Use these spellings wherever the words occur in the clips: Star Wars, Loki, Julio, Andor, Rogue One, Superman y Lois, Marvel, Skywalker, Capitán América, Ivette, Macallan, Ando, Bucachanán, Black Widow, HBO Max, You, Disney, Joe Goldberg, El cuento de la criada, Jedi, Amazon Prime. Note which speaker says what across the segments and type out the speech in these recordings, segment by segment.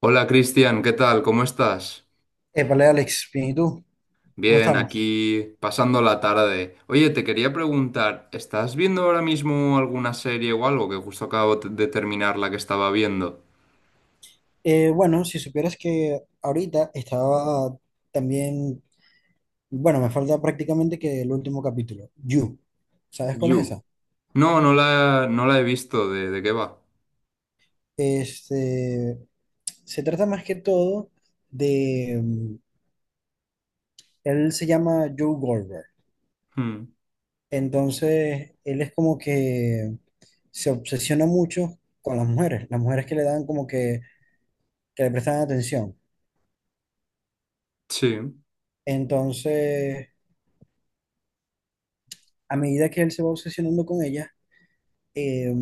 Speaker 1: Hola Cristian, ¿qué tal? ¿Cómo estás?
Speaker 2: Épale, Alex, bien, ¿y tú? ¿Cómo
Speaker 1: Bien,
Speaker 2: estamos?
Speaker 1: aquí pasando la tarde. Oye, te quería preguntar, ¿estás viendo ahora mismo alguna serie o algo? Que Justo acabo de terminar la que estaba viendo.
Speaker 2: Bueno, si supieras que ahorita estaba también, bueno, me falta prácticamente que el último capítulo, You. ¿Sabes cuál es
Speaker 1: You.
Speaker 2: esa?
Speaker 1: No, no la he visto. ¿De qué va?
Speaker 2: Este, se trata más que todo de él se llama Joe Goldberg.
Speaker 1: Hmm.
Speaker 2: Entonces, él es como que se obsesiona mucho con las mujeres que le dan como que le prestan atención.
Speaker 1: Sí.
Speaker 2: Entonces, a medida que él se va obsesionando con ellas, eh,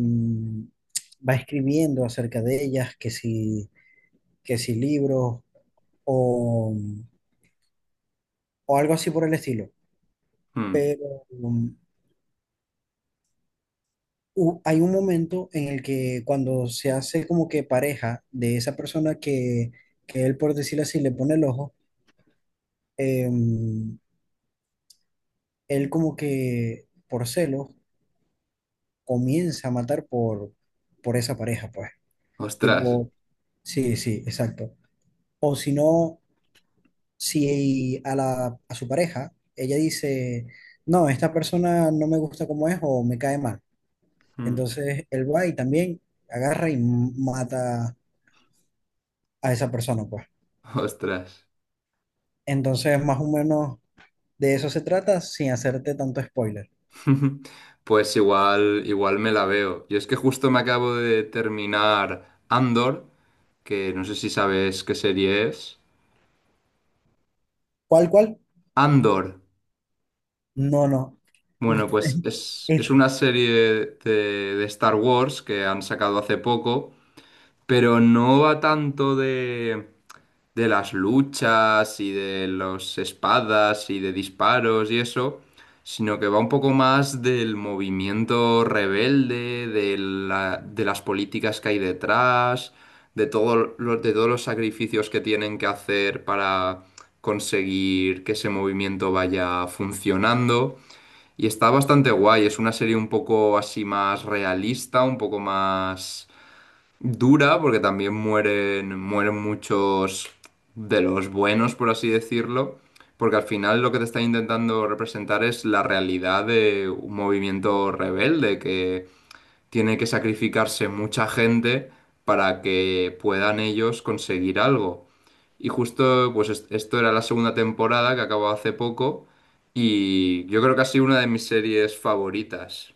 Speaker 2: va escribiendo acerca de ellas, que si libros o, o algo así por el estilo.
Speaker 1: Hmm.
Speaker 2: Pero hay un momento en el que cuando se hace como que pareja de esa persona que él, por decirlo así, le pone el ojo, em, él como que por celos comienza a matar por esa pareja, pues.
Speaker 1: Ostras.
Speaker 2: Tipo, sí, sí, exacto. O si no, si a la, a su pareja ella dice, no, esta persona no me gusta como es o me cae mal,
Speaker 1: Hmm.
Speaker 2: entonces él va y también agarra y mata a esa persona, pues.
Speaker 1: Ostras.
Speaker 2: Entonces, más o menos de eso se trata sin hacerte tanto spoiler.
Speaker 1: Pues igual me la veo. Yo es que justo me acabo de terminar Andor, que no sé si sabes qué serie es.
Speaker 2: ¿Cuál, cuál?
Speaker 1: Andor.
Speaker 2: No, no. Mm,
Speaker 1: Bueno, pues es,
Speaker 2: Eh,
Speaker 1: es una serie de Star Wars que han sacado hace poco, pero no va tanto de las luchas y de las espadas y de disparos y eso, sino que va un poco más del movimiento rebelde, de las políticas que hay detrás, de de todos los sacrificios que tienen que hacer para conseguir que ese movimiento vaya funcionando. Y está bastante guay, es una serie un poco así más realista, un poco más dura, porque también mueren muchos de los buenos, por así decirlo, porque al final lo que te está intentando representar es la realidad de un movimiento rebelde que tiene que sacrificarse mucha gente para que puedan ellos conseguir algo. Y justo, pues esto era la segunda temporada que acabó hace poco y yo creo que ha sido una de mis series favoritas.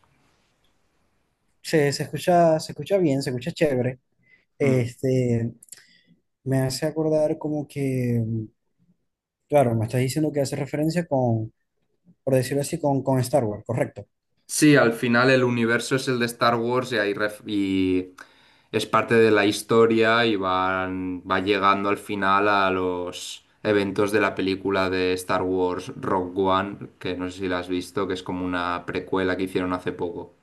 Speaker 2: Se, se escucha bien, se escucha chévere.
Speaker 1: Hmm.
Speaker 2: Este, me hace acordar como que, claro, me estás diciendo que hace referencia con, por decirlo así, con Star Wars, correcto.
Speaker 1: Sí, al final el universo es el de Star Wars y, es parte de la historia y va llegando al final a los eventos de la película de Star Wars Rogue One, que no sé si la has visto, que es como una precuela que hicieron hace poco.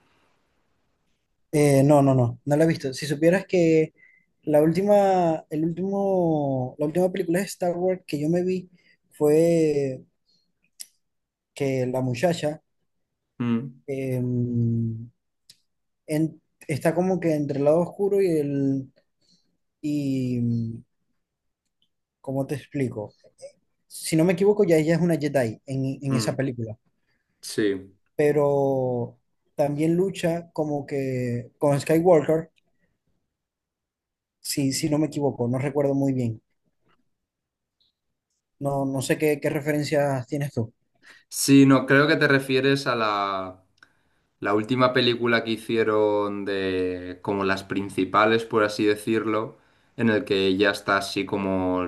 Speaker 2: No, no, no, no la he visto. Si supieras que la última, el último, la última película de Star Wars que yo me vi fue que la muchacha
Speaker 1: Mm,
Speaker 2: eh, en- está como que entre el lado oscuro y el, y ¿cómo te explico? Si no me equivoco, ya ella es una Jedi en esa
Speaker 1: mm,
Speaker 2: película,
Speaker 1: sí.
Speaker 2: pero también lucha como que con Skywalker, si, si no me equivoco, no recuerdo muy bien. No, no sé qué, qué referencias tienes tú.
Speaker 1: Sí, no, creo que te refieres a la última película que hicieron de como las principales, por así decirlo, en el que ella está así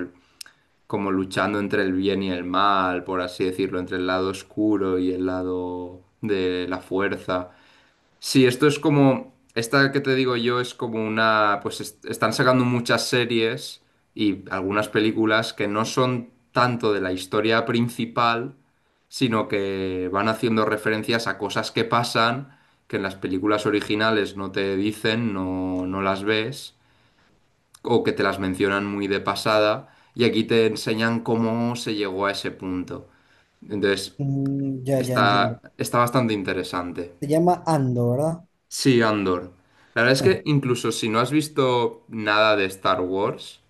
Speaker 1: como luchando entre el bien y el mal, por así decirlo, entre el lado oscuro y el lado de la fuerza. Sí, esto es como, esta que te digo yo es como una, pues están sacando muchas series y algunas películas que no son tanto de la historia principal, sino que van haciendo referencias a cosas que pasan, que en las películas originales no te dicen, no, no las ves o que te las mencionan muy de pasada y aquí te enseñan cómo se llegó a ese punto. Entonces,
Speaker 2: Mm, ya, ya entiendo.
Speaker 1: está bastante interesante.
Speaker 2: Se llama Ando, ¿verdad?
Speaker 1: Sí, Andor. La verdad es que incluso si no has visto nada de Star Wars,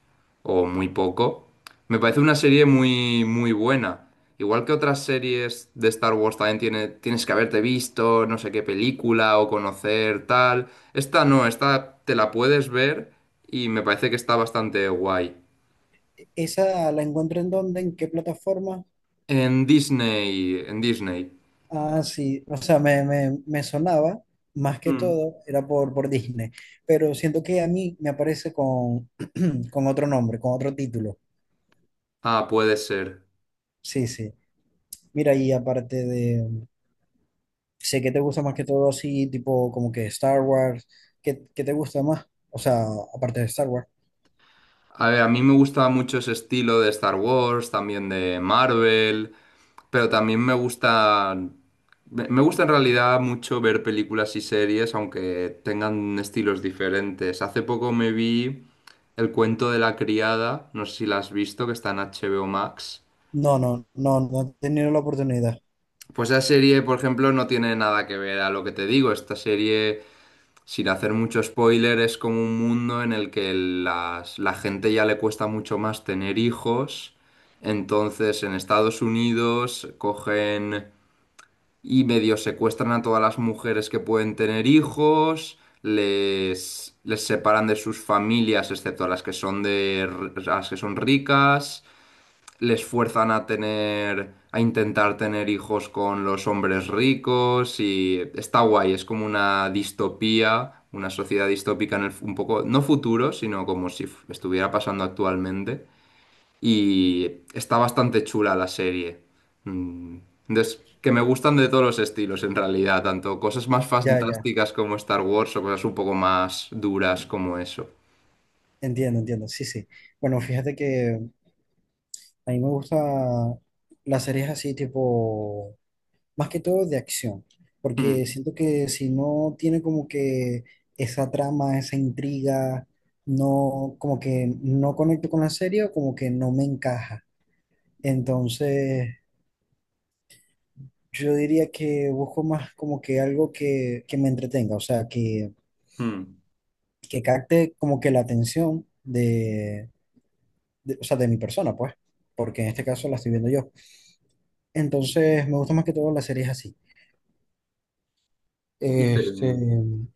Speaker 1: o muy poco, me parece una serie muy buena. Igual que otras series de Star Wars también tienes que haberte visto no sé qué película o conocer tal. Esta no, esta te la puedes ver y me parece que está bastante guay.
Speaker 2: ¿Esa la encuentro en dónde? ¿En qué plataforma?
Speaker 1: En Disney, en Disney.
Speaker 2: Ah, sí, o sea, me sonaba, más que
Speaker 1: Mm.
Speaker 2: todo, era por Disney, pero siento que a mí me aparece con otro nombre, con otro título.
Speaker 1: Ah, puede ser.
Speaker 2: Sí, sí. Mira, y aparte de, sé que te gusta más que todo así, tipo como que Star Wars, ¿qué, qué te gusta más? O sea, aparte de Star Wars.
Speaker 1: A ver, a mí me gusta mucho ese estilo de Star Wars, también de Marvel, pero también me gusta en realidad mucho ver películas y series, aunque tengan estilos diferentes. Hace poco me vi El cuento de la criada, no sé si la has visto, que está en HBO Max.
Speaker 2: No, no, no, no he tenido la oportunidad.
Speaker 1: Pues esa serie, por ejemplo, no tiene nada que ver a lo que te digo. Esta serie, sin hacer mucho spoiler, es como un mundo en el que la gente ya le cuesta mucho más tener hijos. Entonces, en Estados Unidos cogen y medio secuestran a todas las mujeres que pueden tener hijos, les separan de sus familias, excepto a las que son las que son ricas, les fuerzan a intentar tener hijos con los hombres ricos y está guay, es como una distopía, una sociedad distópica en un poco, no futuro, sino como si estuviera pasando actualmente y está bastante chula la serie. Mm. Entonces, que me gustan de todos los estilos en realidad, tanto cosas más
Speaker 2: Ya, ya.
Speaker 1: fantásticas como Star Wars o cosas un poco más duras como eso.
Speaker 2: Entiendo, entiendo, sí, sí. Bueno, fíjate que a mí me gusta las series así tipo, más que todo de acción,
Speaker 1: Mm,
Speaker 2: porque siento que si no tiene como que esa trama, esa intriga, no, como que no conecto con la serie o como que no me encaja. Entonces, yo diría que busco más como que algo que me entretenga, o sea,
Speaker 1: mm.
Speaker 2: que capte como que la atención de- o sea, de mi persona, pues, porque en este caso la estoy viendo yo. Entonces, me gusta más que todo las series así.
Speaker 1: Y- Te-
Speaker 2: Este,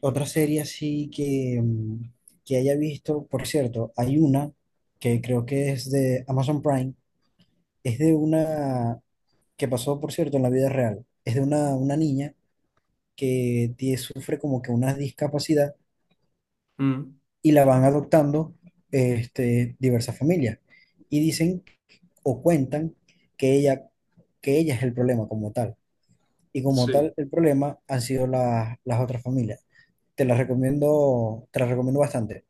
Speaker 2: otra serie así que que haya visto, por cierto, hay una que creo que es de Amazon Prime, es de una que pasó, por cierto, en la vida real. Es de una niña que tie- sufre como que una discapacidad
Speaker 1: mm.
Speaker 2: y la van adoptando este, diversas familias. Y dicen o cuentan que ella, que ella es el problema como tal y como
Speaker 1: Sí.
Speaker 2: tal el problema han sido las otras familias. Te las recomiendo bastante.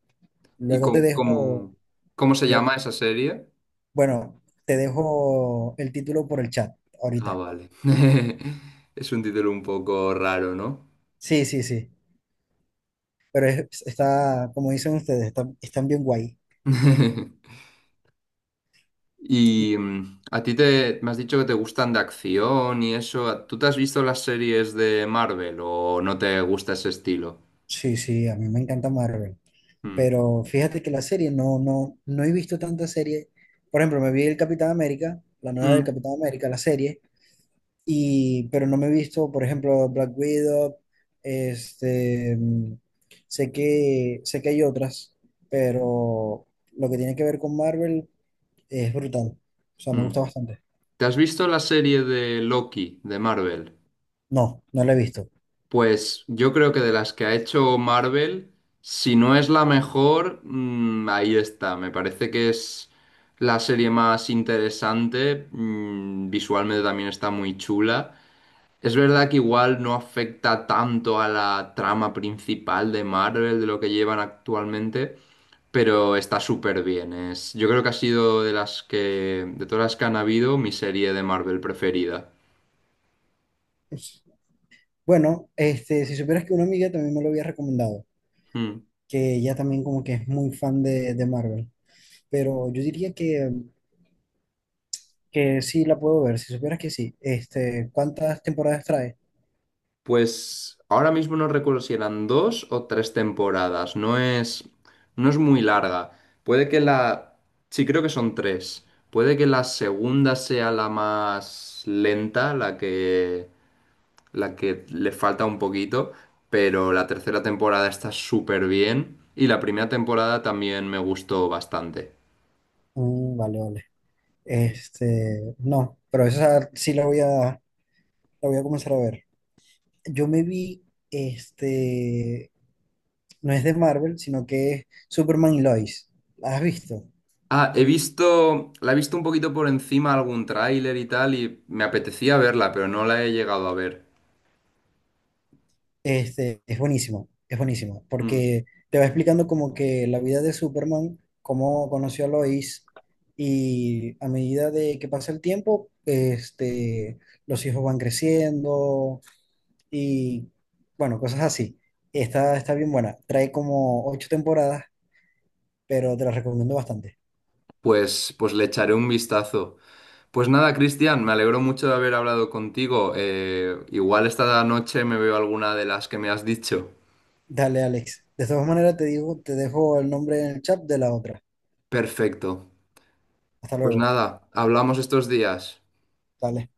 Speaker 1: ¿Y
Speaker 2: Luego te
Speaker 1: cómo,
Speaker 2: dejo,
Speaker 1: cómo se
Speaker 2: luego-
Speaker 1: llama esa serie?
Speaker 2: bueno, te dejo el título por el chat
Speaker 1: Ah,
Speaker 2: ahorita.
Speaker 1: vale. Es un título un poco raro, ¿no?
Speaker 2: Sí, sí, sí. Pero es- está, como dicen ustedes, está- están bien guay. Y-
Speaker 1: A ti me has dicho que te gustan de acción y eso. ¿Tú te has visto las series de Marvel o no te gusta ese estilo?
Speaker 2: sí, sí, a mí me encanta Marvel.
Speaker 1: Mm.
Speaker 2: Pero fíjate que la serie no, no, no he visto tanta serie. Por ejemplo, me vi el Capitán América, la nueva del
Speaker 1: Mm,
Speaker 2: Capitán América, la serie, Y, pero no me he visto, por ejemplo, Black Widow, este, mm, sé que hay otras, pero lo que tiene que ver con Marvel es brutal. O sea, me
Speaker 1: mm.
Speaker 2: gusta bastante.
Speaker 1: ¿Te has visto la serie de Loki de Marvel?
Speaker 2: No, no la he visto.
Speaker 1: Pues yo creo que de las que ha hecho Marvel, si no es la mejor, mm, ahí está. Me parece que es la serie más interesante. Mm, visualmente también está muy chula. Es verdad que igual no afecta tanto a la trama principal de Marvel, de lo que llevan actualmente, pero está súper bien. Es, yo creo que ha sido de las que, de todas las que han habido, mi serie de Marvel preferida.
Speaker 2: Pues, bueno, este, si supieras que una amiga también me lo había recomendado,
Speaker 1: Mm.
Speaker 2: que ella también como que es muy fan de Marvel, pero yo diría que sí la puedo ver, si supieras que sí. Este, ¿cuántas temporadas trae?
Speaker 1: Pues ahora mismo no recuerdo si eran dos o tres temporadas. No es muy larga. Puede que la... Sí, creo que son tres. Puede que la segunda sea la más lenta, la que le falta un poquito, pero la tercera temporada está súper bien y la primera temporada también me gustó bastante.
Speaker 2: Mm, vale, vale. Este, no, pero esa sí la voy a comenzar a ver. Yo me vi, este, no es de Marvel, sino que es Superman y Lois. ¿La has visto?
Speaker 1: Ah, la he visto un poquito por encima algún tráiler y tal y me apetecía verla, pero no la he llegado a ver.
Speaker 2: Este, es buenísimo,
Speaker 1: Hmm.
Speaker 2: porque te va explicando como que la vida de Superman, cómo conoció a Lois, y a medida de que pasa el tiempo, este, los hijos van creciendo y, bueno, cosas así. Está, está bien buena. Trae como 8 temporadas pero te la recomiendo bastante.
Speaker 1: Pues le echaré un vistazo. Pues nada, Cristian, me alegro mucho de haber hablado contigo. Igual esta noche me veo alguna de las que me has dicho.
Speaker 2: Dale, Alex. De todas maneras, te digo, te dejo el nombre en el chat de la otra.
Speaker 1: Perfecto.
Speaker 2: Hasta
Speaker 1: Pues
Speaker 2: luego.
Speaker 1: nada, hablamos estos días.
Speaker 2: Dale.